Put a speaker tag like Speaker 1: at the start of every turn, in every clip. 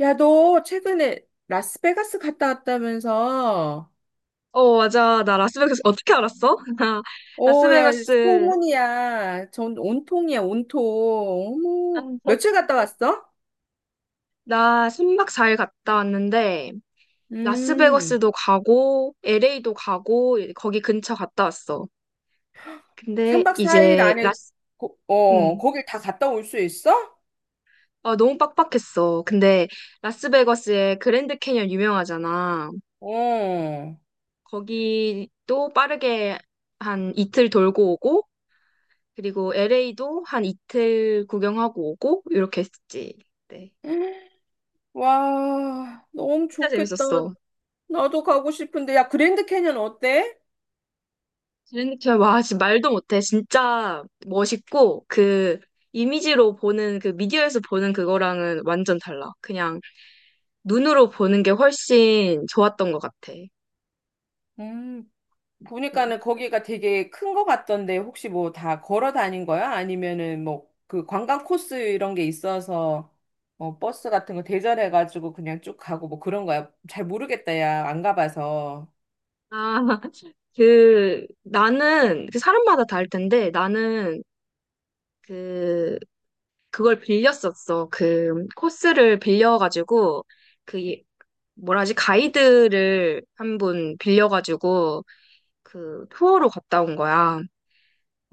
Speaker 1: 야, 너 최근에 라스베가스 갔다 왔다면서?
Speaker 2: 어, 맞아. 나 라스베가스 어떻게 알았어? 나
Speaker 1: 어, 야,
Speaker 2: 라스베가스
Speaker 1: 소문이야. 전 온통이야, 온통. 어머, 며칠 갔다 왔어?
Speaker 2: 나순박 4일 갔다 왔는데,
Speaker 1: 음,
Speaker 2: 라스베가스도 가고 LA도 가고 거기 근처 갔다 왔어. 근데
Speaker 1: 3박 4일
Speaker 2: 이제
Speaker 1: 안에,
Speaker 2: 라스 음.
Speaker 1: 거길 다 갔다 올 수 있어?
Speaker 2: 아, 너무 빡빡했어. 근데 라스베거스의 그랜드 캐니언 유명하잖아.
Speaker 1: 어.
Speaker 2: 거기도 빠르게 한 이틀 돌고 오고, 그리고 LA도 한 이틀 구경하고 오고 이렇게 했지. 네.
Speaker 1: 와, 너무
Speaker 2: 진짜
Speaker 1: 좋겠다.
Speaker 2: 재밌었어.
Speaker 1: 나도 가고 싶은데. 야, 그랜드 캐년 어때?
Speaker 2: 제니와 진짜 말도 못해. 진짜 멋있고, 그 이미지로 보는, 그 미디어에서 보는 그거랑은 완전 달라. 그냥 눈으로 보는 게 훨씬 좋았던 것 같아.
Speaker 1: 음.
Speaker 2: 응.
Speaker 1: 보니까는 거기가 되게 큰 거 같던데 혹시 뭐 다 걸어 다닌 거야? 아니면은 뭐 그 관광 코스 이런 게 있어서 어, 버스 같은 거 대절해가지고 그냥 쭉 가고 뭐 그런 거야? 잘 모르겠다, 야. 안 가봐서.
Speaker 2: 아, 그 나는, 그 사람마다 다를 텐데, 나는 그 그걸 빌렸었어. 그 코스를 빌려가지고, 그 뭐라지, 가이드를 한 분 빌려가지고 그 투어로 갔다 온 거야.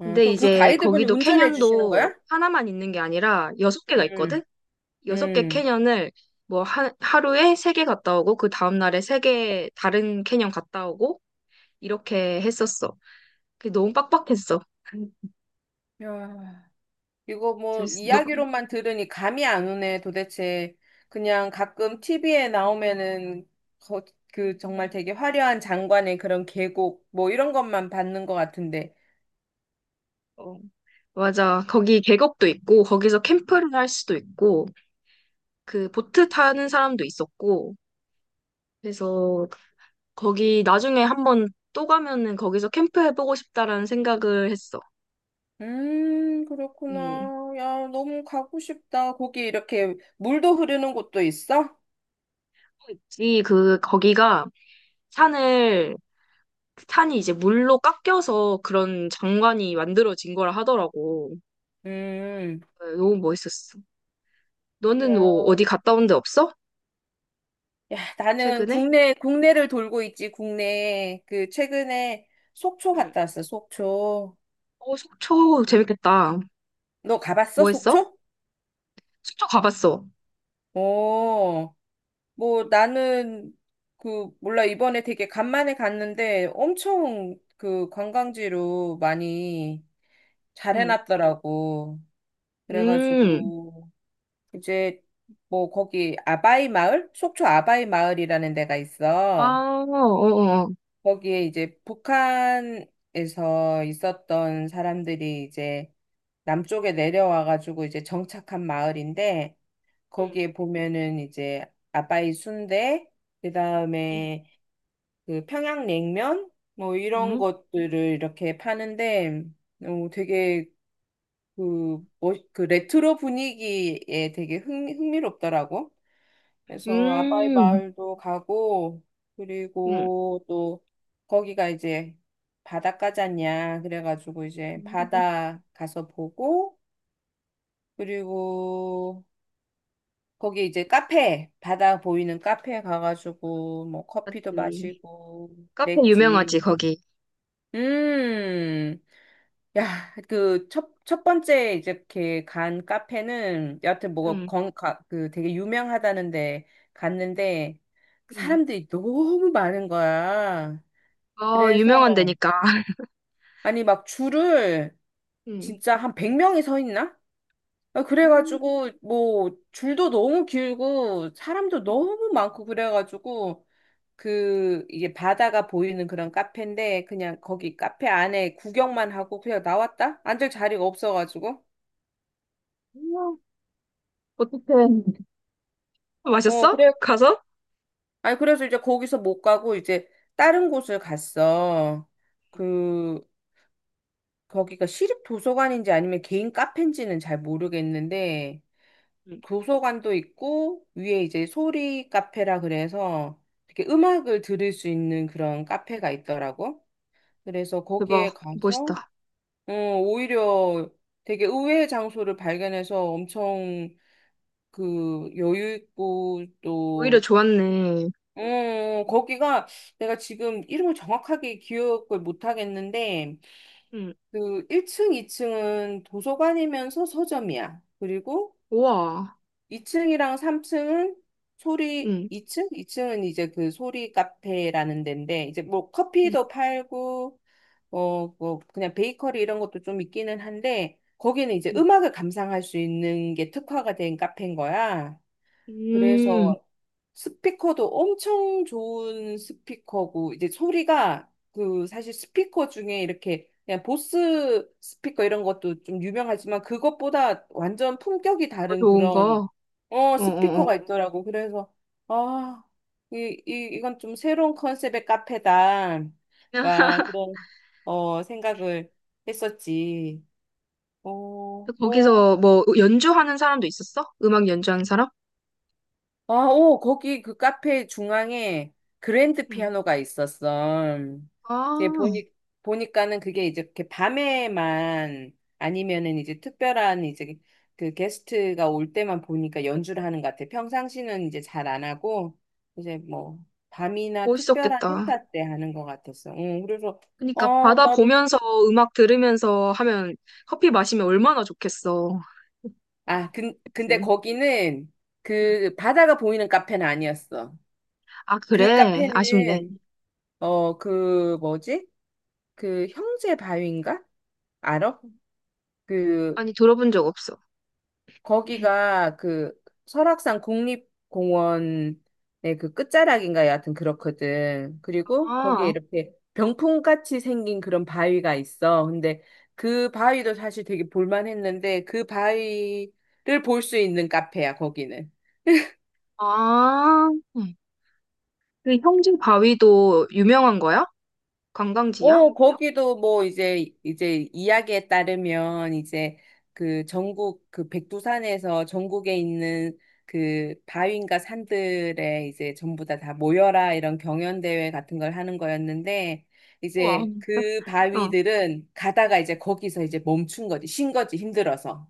Speaker 2: 근데
Speaker 1: 그럼 그
Speaker 2: 이제
Speaker 1: 가이드분이
Speaker 2: 거기도,
Speaker 1: 운전해 주시는
Speaker 2: 캐년도
Speaker 1: 거야?
Speaker 2: 하나만 있는 게 아니라 6개가
Speaker 1: 음,
Speaker 2: 있거든? 6개
Speaker 1: 음.
Speaker 2: 캐년을, 뭐 하루에 3개 갔다 오고, 그 다음 날에 3개 다른 캐년 갔다 오고 이렇게 했었어. 그게 너무 빡빡했어.
Speaker 1: 야. 이거 뭐
Speaker 2: 재밌어. 너,
Speaker 1: 이야기로만 들으니 감이 안 오네, 도대체. 그냥 가끔 티비에 나오면은 거, 그 정말 되게 화려한 장관의 그런 계곡 뭐 이런 것만 받는 것 같은데.
Speaker 2: 어, 맞아. 거기 계곡도 있고, 거기서 캠프를 할 수도 있고, 그 보트 타는 사람도 있었고, 그래서 거기 나중에 한번 또 가면은 거기서 캠프 해보고 싶다라는 생각을 했어. 음.
Speaker 1: 그렇구나. 야, 너무 가고 싶다. 거기 이렇게 물도 흐르는 곳도 있어?
Speaker 2: 있지. 그 거기가, 산을 산이 이제 물로 깎여서 그런 장관이 만들어진 거라 하더라고.
Speaker 1: 음.
Speaker 2: 네, 너무 멋있었어. 너는
Speaker 1: 야,
Speaker 2: 뭐 어디 갔다 온데 없어?
Speaker 1: 야, 나는
Speaker 2: 최근에?
Speaker 1: 국내를 돌고 있지. 국내 그 최근에 속초
Speaker 2: 응.
Speaker 1: 갔다 왔어. 속초.
Speaker 2: 어, 속초 재밌겠다.
Speaker 1: 너 가봤어?
Speaker 2: 뭐 했어?
Speaker 1: 속초?
Speaker 2: 속초 가봤어.
Speaker 1: 오. 뭐 나는 그 몰라 이번에 되게 간만에 갔는데 엄청 그 관광지로 많이 잘
Speaker 2: 응.
Speaker 1: 해놨더라고.
Speaker 2: 음.
Speaker 1: 그래가지고 이제 뭐 거기 아바이 마을? 속초 아바이 마을이라는 데가
Speaker 2: 아,
Speaker 1: 있어.
Speaker 2: 어어. 어.
Speaker 1: 거기에 이제 북한에서 있었던 사람들이 이제 남쪽에 내려와가지고 이제 정착한 마을인데
Speaker 2: 응.
Speaker 1: 거기에 보면은 이제 아바이 순대
Speaker 2: 응.
Speaker 1: 그다음에 그 평양냉면 뭐 이런
Speaker 2: 음.
Speaker 1: 것들을 이렇게 파는데 어, 되게 그, 뭐, 그 레트로 분위기에 되게 흥미롭더라고. 그래서 아바이
Speaker 2: 음.
Speaker 1: 마을도 가고
Speaker 2: 응.
Speaker 1: 그리고 또 거기가 이제 바닷가잖냐 그래가지고 이제
Speaker 2: 음.
Speaker 1: 바다 가서 보고 그리고 거기 이제 카페 바다 보이는 카페 가가지고 뭐 커피도
Speaker 2: 맞지.
Speaker 1: 마시고
Speaker 2: 카페
Speaker 1: 그랬지.
Speaker 2: 유명하지, 거기.
Speaker 1: 음. 야, 그, 첫 번째, 이제, 이렇게 간 카페는, 여하튼, 뭐,
Speaker 2: 응.
Speaker 1: 건, 가, 그, 되게 유명하다는데, 갔는데,
Speaker 2: 응.
Speaker 1: 사람들이 너무 많은 거야.
Speaker 2: 어, 유명한
Speaker 1: 그래서,
Speaker 2: 데니까.
Speaker 1: 아니, 막, 줄을,
Speaker 2: 응.
Speaker 1: 진짜 한 100명이 서 있나? 아,
Speaker 2: 음.
Speaker 1: 그래가지고, 뭐, 줄도 너무 길고, 사람도 너무 많고, 그래가지고, 그 이게 바다가 보이는 그런 카페인데 그냥 거기 카페 안에 구경만 하고 그냥 나왔다? 앉을 자리가 없어가지고.
Speaker 2: 어떡해.
Speaker 1: 어,
Speaker 2: 마셨어?
Speaker 1: 그래.
Speaker 2: 가서?
Speaker 1: 아니, 그래서 이제 거기서 못 가고 이제 다른 곳을 갔어. 그 거기가 시립 도서관인지 아니면 개인 카페인지는 잘 모르겠는데
Speaker 2: 응,
Speaker 1: 도서관도 있고 위에 이제 소리 카페라 그래서 이렇게 음악을 들을 수 있는 그런 카페가 있더라고. 그래서 거기에
Speaker 2: 대박.
Speaker 1: 가서
Speaker 2: 멋있다.
Speaker 1: 어, 오히려 되게 의외의 장소를 발견해서 엄청 그 여유 있고
Speaker 2: 오히려
Speaker 1: 또,
Speaker 2: 좋았네.
Speaker 1: 어, 거기가 내가 지금 이름을 정확하게 기억을 못 하겠는데
Speaker 2: 응,
Speaker 1: 그 1층, 2층은 도서관이면서 서점이야. 그리고
Speaker 2: 우와.
Speaker 1: 2층이랑 3층은 소리
Speaker 2: 응.
Speaker 1: 이층은 이제 그 소리 카페라는 데인데 이제 뭐
Speaker 2: 응,
Speaker 1: 커피도 팔고 어, 뭐, 그냥 베이커리 이런 것도 좀 있기는 한데, 거기는 이제
Speaker 2: 응.
Speaker 1: 음악을 감상할 수 있는 게 특화가 된 카페인 거야.
Speaker 2: 음,
Speaker 1: 그래서 스피커도 엄청 좋은 스피커고 이제 소리가 그 사실 스피커 중에 이렇게 그냥 보스 스피커 이런 것도 좀 유명하지만 그것보다 완전 품격이
Speaker 2: 더
Speaker 1: 다른
Speaker 2: 좋은
Speaker 1: 그런
Speaker 2: 거.
Speaker 1: 어
Speaker 2: 어, 어, 어.
Speaker 1: 스피커가 있더라고. 그래서 아, 이, 이 이건 좀 새로운 컨셉의 카페다.
Speaker 2: 야,
Speaker 1: 막 그런 어 생각을 했었지. 어, 뭐
Speaker 2: 거기서 뭐 연주하는 사람도 있었어? 음악 연주하는 사람?
Speaker 1: 아, 오, 거기 그 카페 중앙에 그랜드
Speaker 2: 응.
Speaker 1: 피아노가 있었어. 이제
Speaker 2: 아,
Speaker 1: 보니까는 그게 이제 이렇게 밤에만 아니면은 이제 특별한 이제 그 게스트가 올 때만 보니까 연주를 하는 것 같아. 평상시는 이제 잘 안 하고 이제 뭐 밤이나 특별한
Speaker 2: 멋있었겠다.
Speaker 1: 행사 때 하는 것 같았어. 응, 그래서,
Speaker 2: 그러니까
Speaker 1: 아,
Speaker 2: 바다
Speaker 1: 나도.
Speaker 2: 보면서 음악 들으면서 하면, 커피 마시면 얼마나 좋겠어.
Speaker 1: 아, 근데
Speaker 2: 그치?
Speaker 1: 거기는 그 바다가 보이는 카페는 아니었어.
Speaker 2: 아,
Speaker 1: 그
Speaker 2: 그래? 아쉽네.
Speaker 1: 카페는 어, 그, 뭐지? 그 형제 바위인가? 알아? 그
Speaker 2: 아니, 들어본 적 없어.
Speaker 1: 거기가 그 설악산 국립공원의 그 끝자락인가 여하튼 그렇거든. 그리고 거기에
Speaker 2: 아,
Speaker 1: 이렇게 병풍같이 생긴 그런 바위가 있어. 근데 그 바위도 사실 되게 볼만했는데 그 바위를 볼 수 있는 카페야, 거기는.
Speaker 2: 아. 응. 그 형진 바위도 유명한 거야? 관광지야?
Speaker 1: 어, 거기도 뭐 이제 이야기에 따르면 이제 그 전국 그 백두산에서 전국에 있는 그 바위인가 산들에 이제 전부 다 모여라 이런 경연 대회 같은 걸 하는 거였는데
Speaker 2: 우와.
Speaker 1: 이제 그
Speaker 2: 어.
Speaker 1: 바위들은 가다가 이제 거기서 이제 멈춘 거지, 쉰 거지 힘들어서.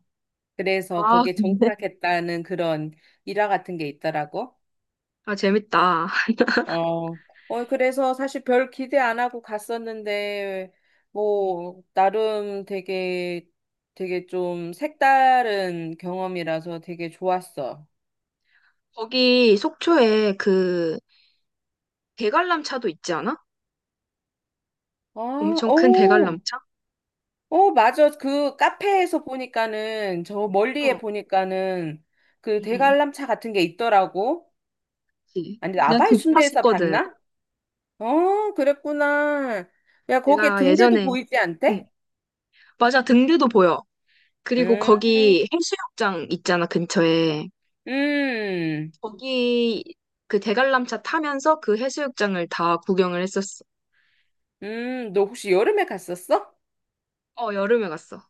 Speaker 1: 그래서
Speaker 2: 아,
Speaker 1: 거기에
Speaker 2: 근데?
Speaker 1: 정착했다는 그런 일화 같은 게 있더라고.
Speaker 2: 아, 재밌다.
Speaker 1: 어, 어, 그래서 사실 별 기대 안 하고 갔었는데, 뭐, 나름 되게, 되게 좀 색다른 경험이라서 되게 좋았어.
Speaker 2: 거기 속초에 그 대관람차도 있지 않아?
Speaker 1: 아,
Speaker 2: 엄청 큰
Speaker 1: 오,
Speaker 2: 대관람차?
Speaker 1: 오, 맞아. 그 카페에서 보니까는, 저 멀리에
Speaker 2: 어,
Speaker 1: 보니까는 그
Speaker 2: 응, 응.
Speaker 1: 대관람차 같은 게 있더라고.
Speaker 2: 그치.
Speaker 1: 아니,
Speaker 2: 내가
Speaker 1: 아바이
Speaker 2: 거기
Speaker 1: 순대에서
Speaker 2: 탔었거든.
Speaker 1: 봤나? 어, 그랬구나. 야, 거기에
Speaker 2: 내가
Speaker 1: 등대도
Speaker 2: 예전에,
Speaker 1: 보이지
Speaker 2: 응,
Speaker 1: 않대?
Speaker 2: 맞아, 등대도 보여. 그리고
Speaker 1: 음,
Speaker 2: 거기 해수욕장 있잖아, 근처에.
Speaker 1: 음.
Speaker 2: 거기 그 대관람차 타면서 그 해수욕장을 다 구경을 했었어.
Speaker 1: 너 혹시 여름에 갔었어?
Speaker 2: 어, 여름에 갔어.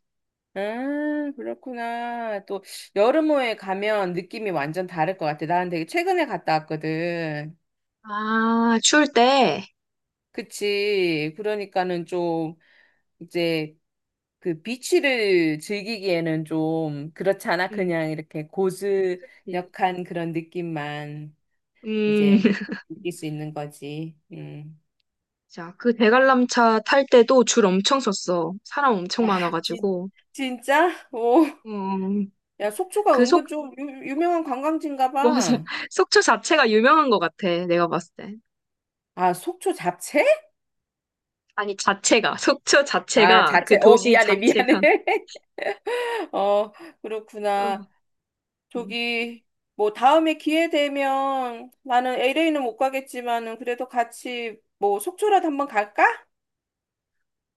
Speaker 1: 그렇구나. 또 여름호에 가면 느낌이 완전 다를 것 같아. 나는 되게 최근에 갔다 왔거든.
Speaker 2: 아, 추울 때.
Speaker 1: 그치. 그러니까는 좀 이제 그 비치를 즐기기에는 좀 그렇잖아.
Speaker 2: 응.
Speaker 1: 그냥 이렇게
Speaker 2: 네.
Speaker 1: 고즈넉한 그런 느낌만
Speaker 2: 음,
Speaker 1: 이제 느낄 수 있는 거지. 음.
Speaker 2: 자, 그 대관람차 탈 때도 줄 엄청 섰어. 사람 엄청
Speaker 1: 아, 진,
Speaker 2: 많아가지고.
Speaker 1: 진짜? 오.
Speaker 2: 음,
Speaker 1: 야, 속초가
Speaker 2: 그 속,
Speaker 1: 은근 좀 유명한 관광지인가
Speaker 2: 맞아.
Speaker 1: 봐.
Speaker 2: 속초 자체가 유명한 것 같아. 내가 봤을 때.
Speaker 1: 아, 속초 잡채?
Speaker 2: 아니, 자체가. 속초
Speaker 1: 아,
Speaker 2: 자체가,
Speaker 1: 자체,
Speaker 2: 그
Speaker 1: 어,
Speaker 2: 도시
Speaker 1: 미안해, 미안해.
Speaker 2: 자체가.
Speaker 1: 어,
Speaker 2: 어,
Speaker 1: 그렇구나.
Speaker 2: 음.
Speaker 1: 저기, 뭐, 다음에 기회 되면 나는 LA는 못 가겠지만은 그래도 같이 뭐, 속초라도 한번 갈까?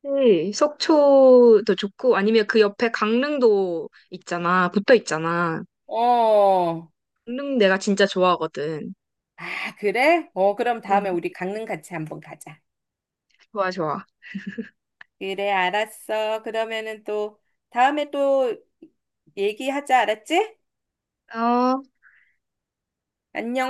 Speaker 2: 네, 속초도 좋고, 아니면 그 옆에 강릉도 있잖아. 붙어 있잖아.
Speaker 1: 어,
Speaker 2: 강릉 내가 진짜 좋아하거든.
Speaker 1: 아, 그래? 어, 그럼 다음에
Speaker 2: 응,
Speaker 1: 우리 강릉 같이 한번 가자.
Speaker 2: 좋아, 좋아.
Speaker 1: 그래, 알았어. 그러면은 또, 다음에 또 얘기하자, 알았지?
Speaker 2: 어,
Speaker 1: 안녕.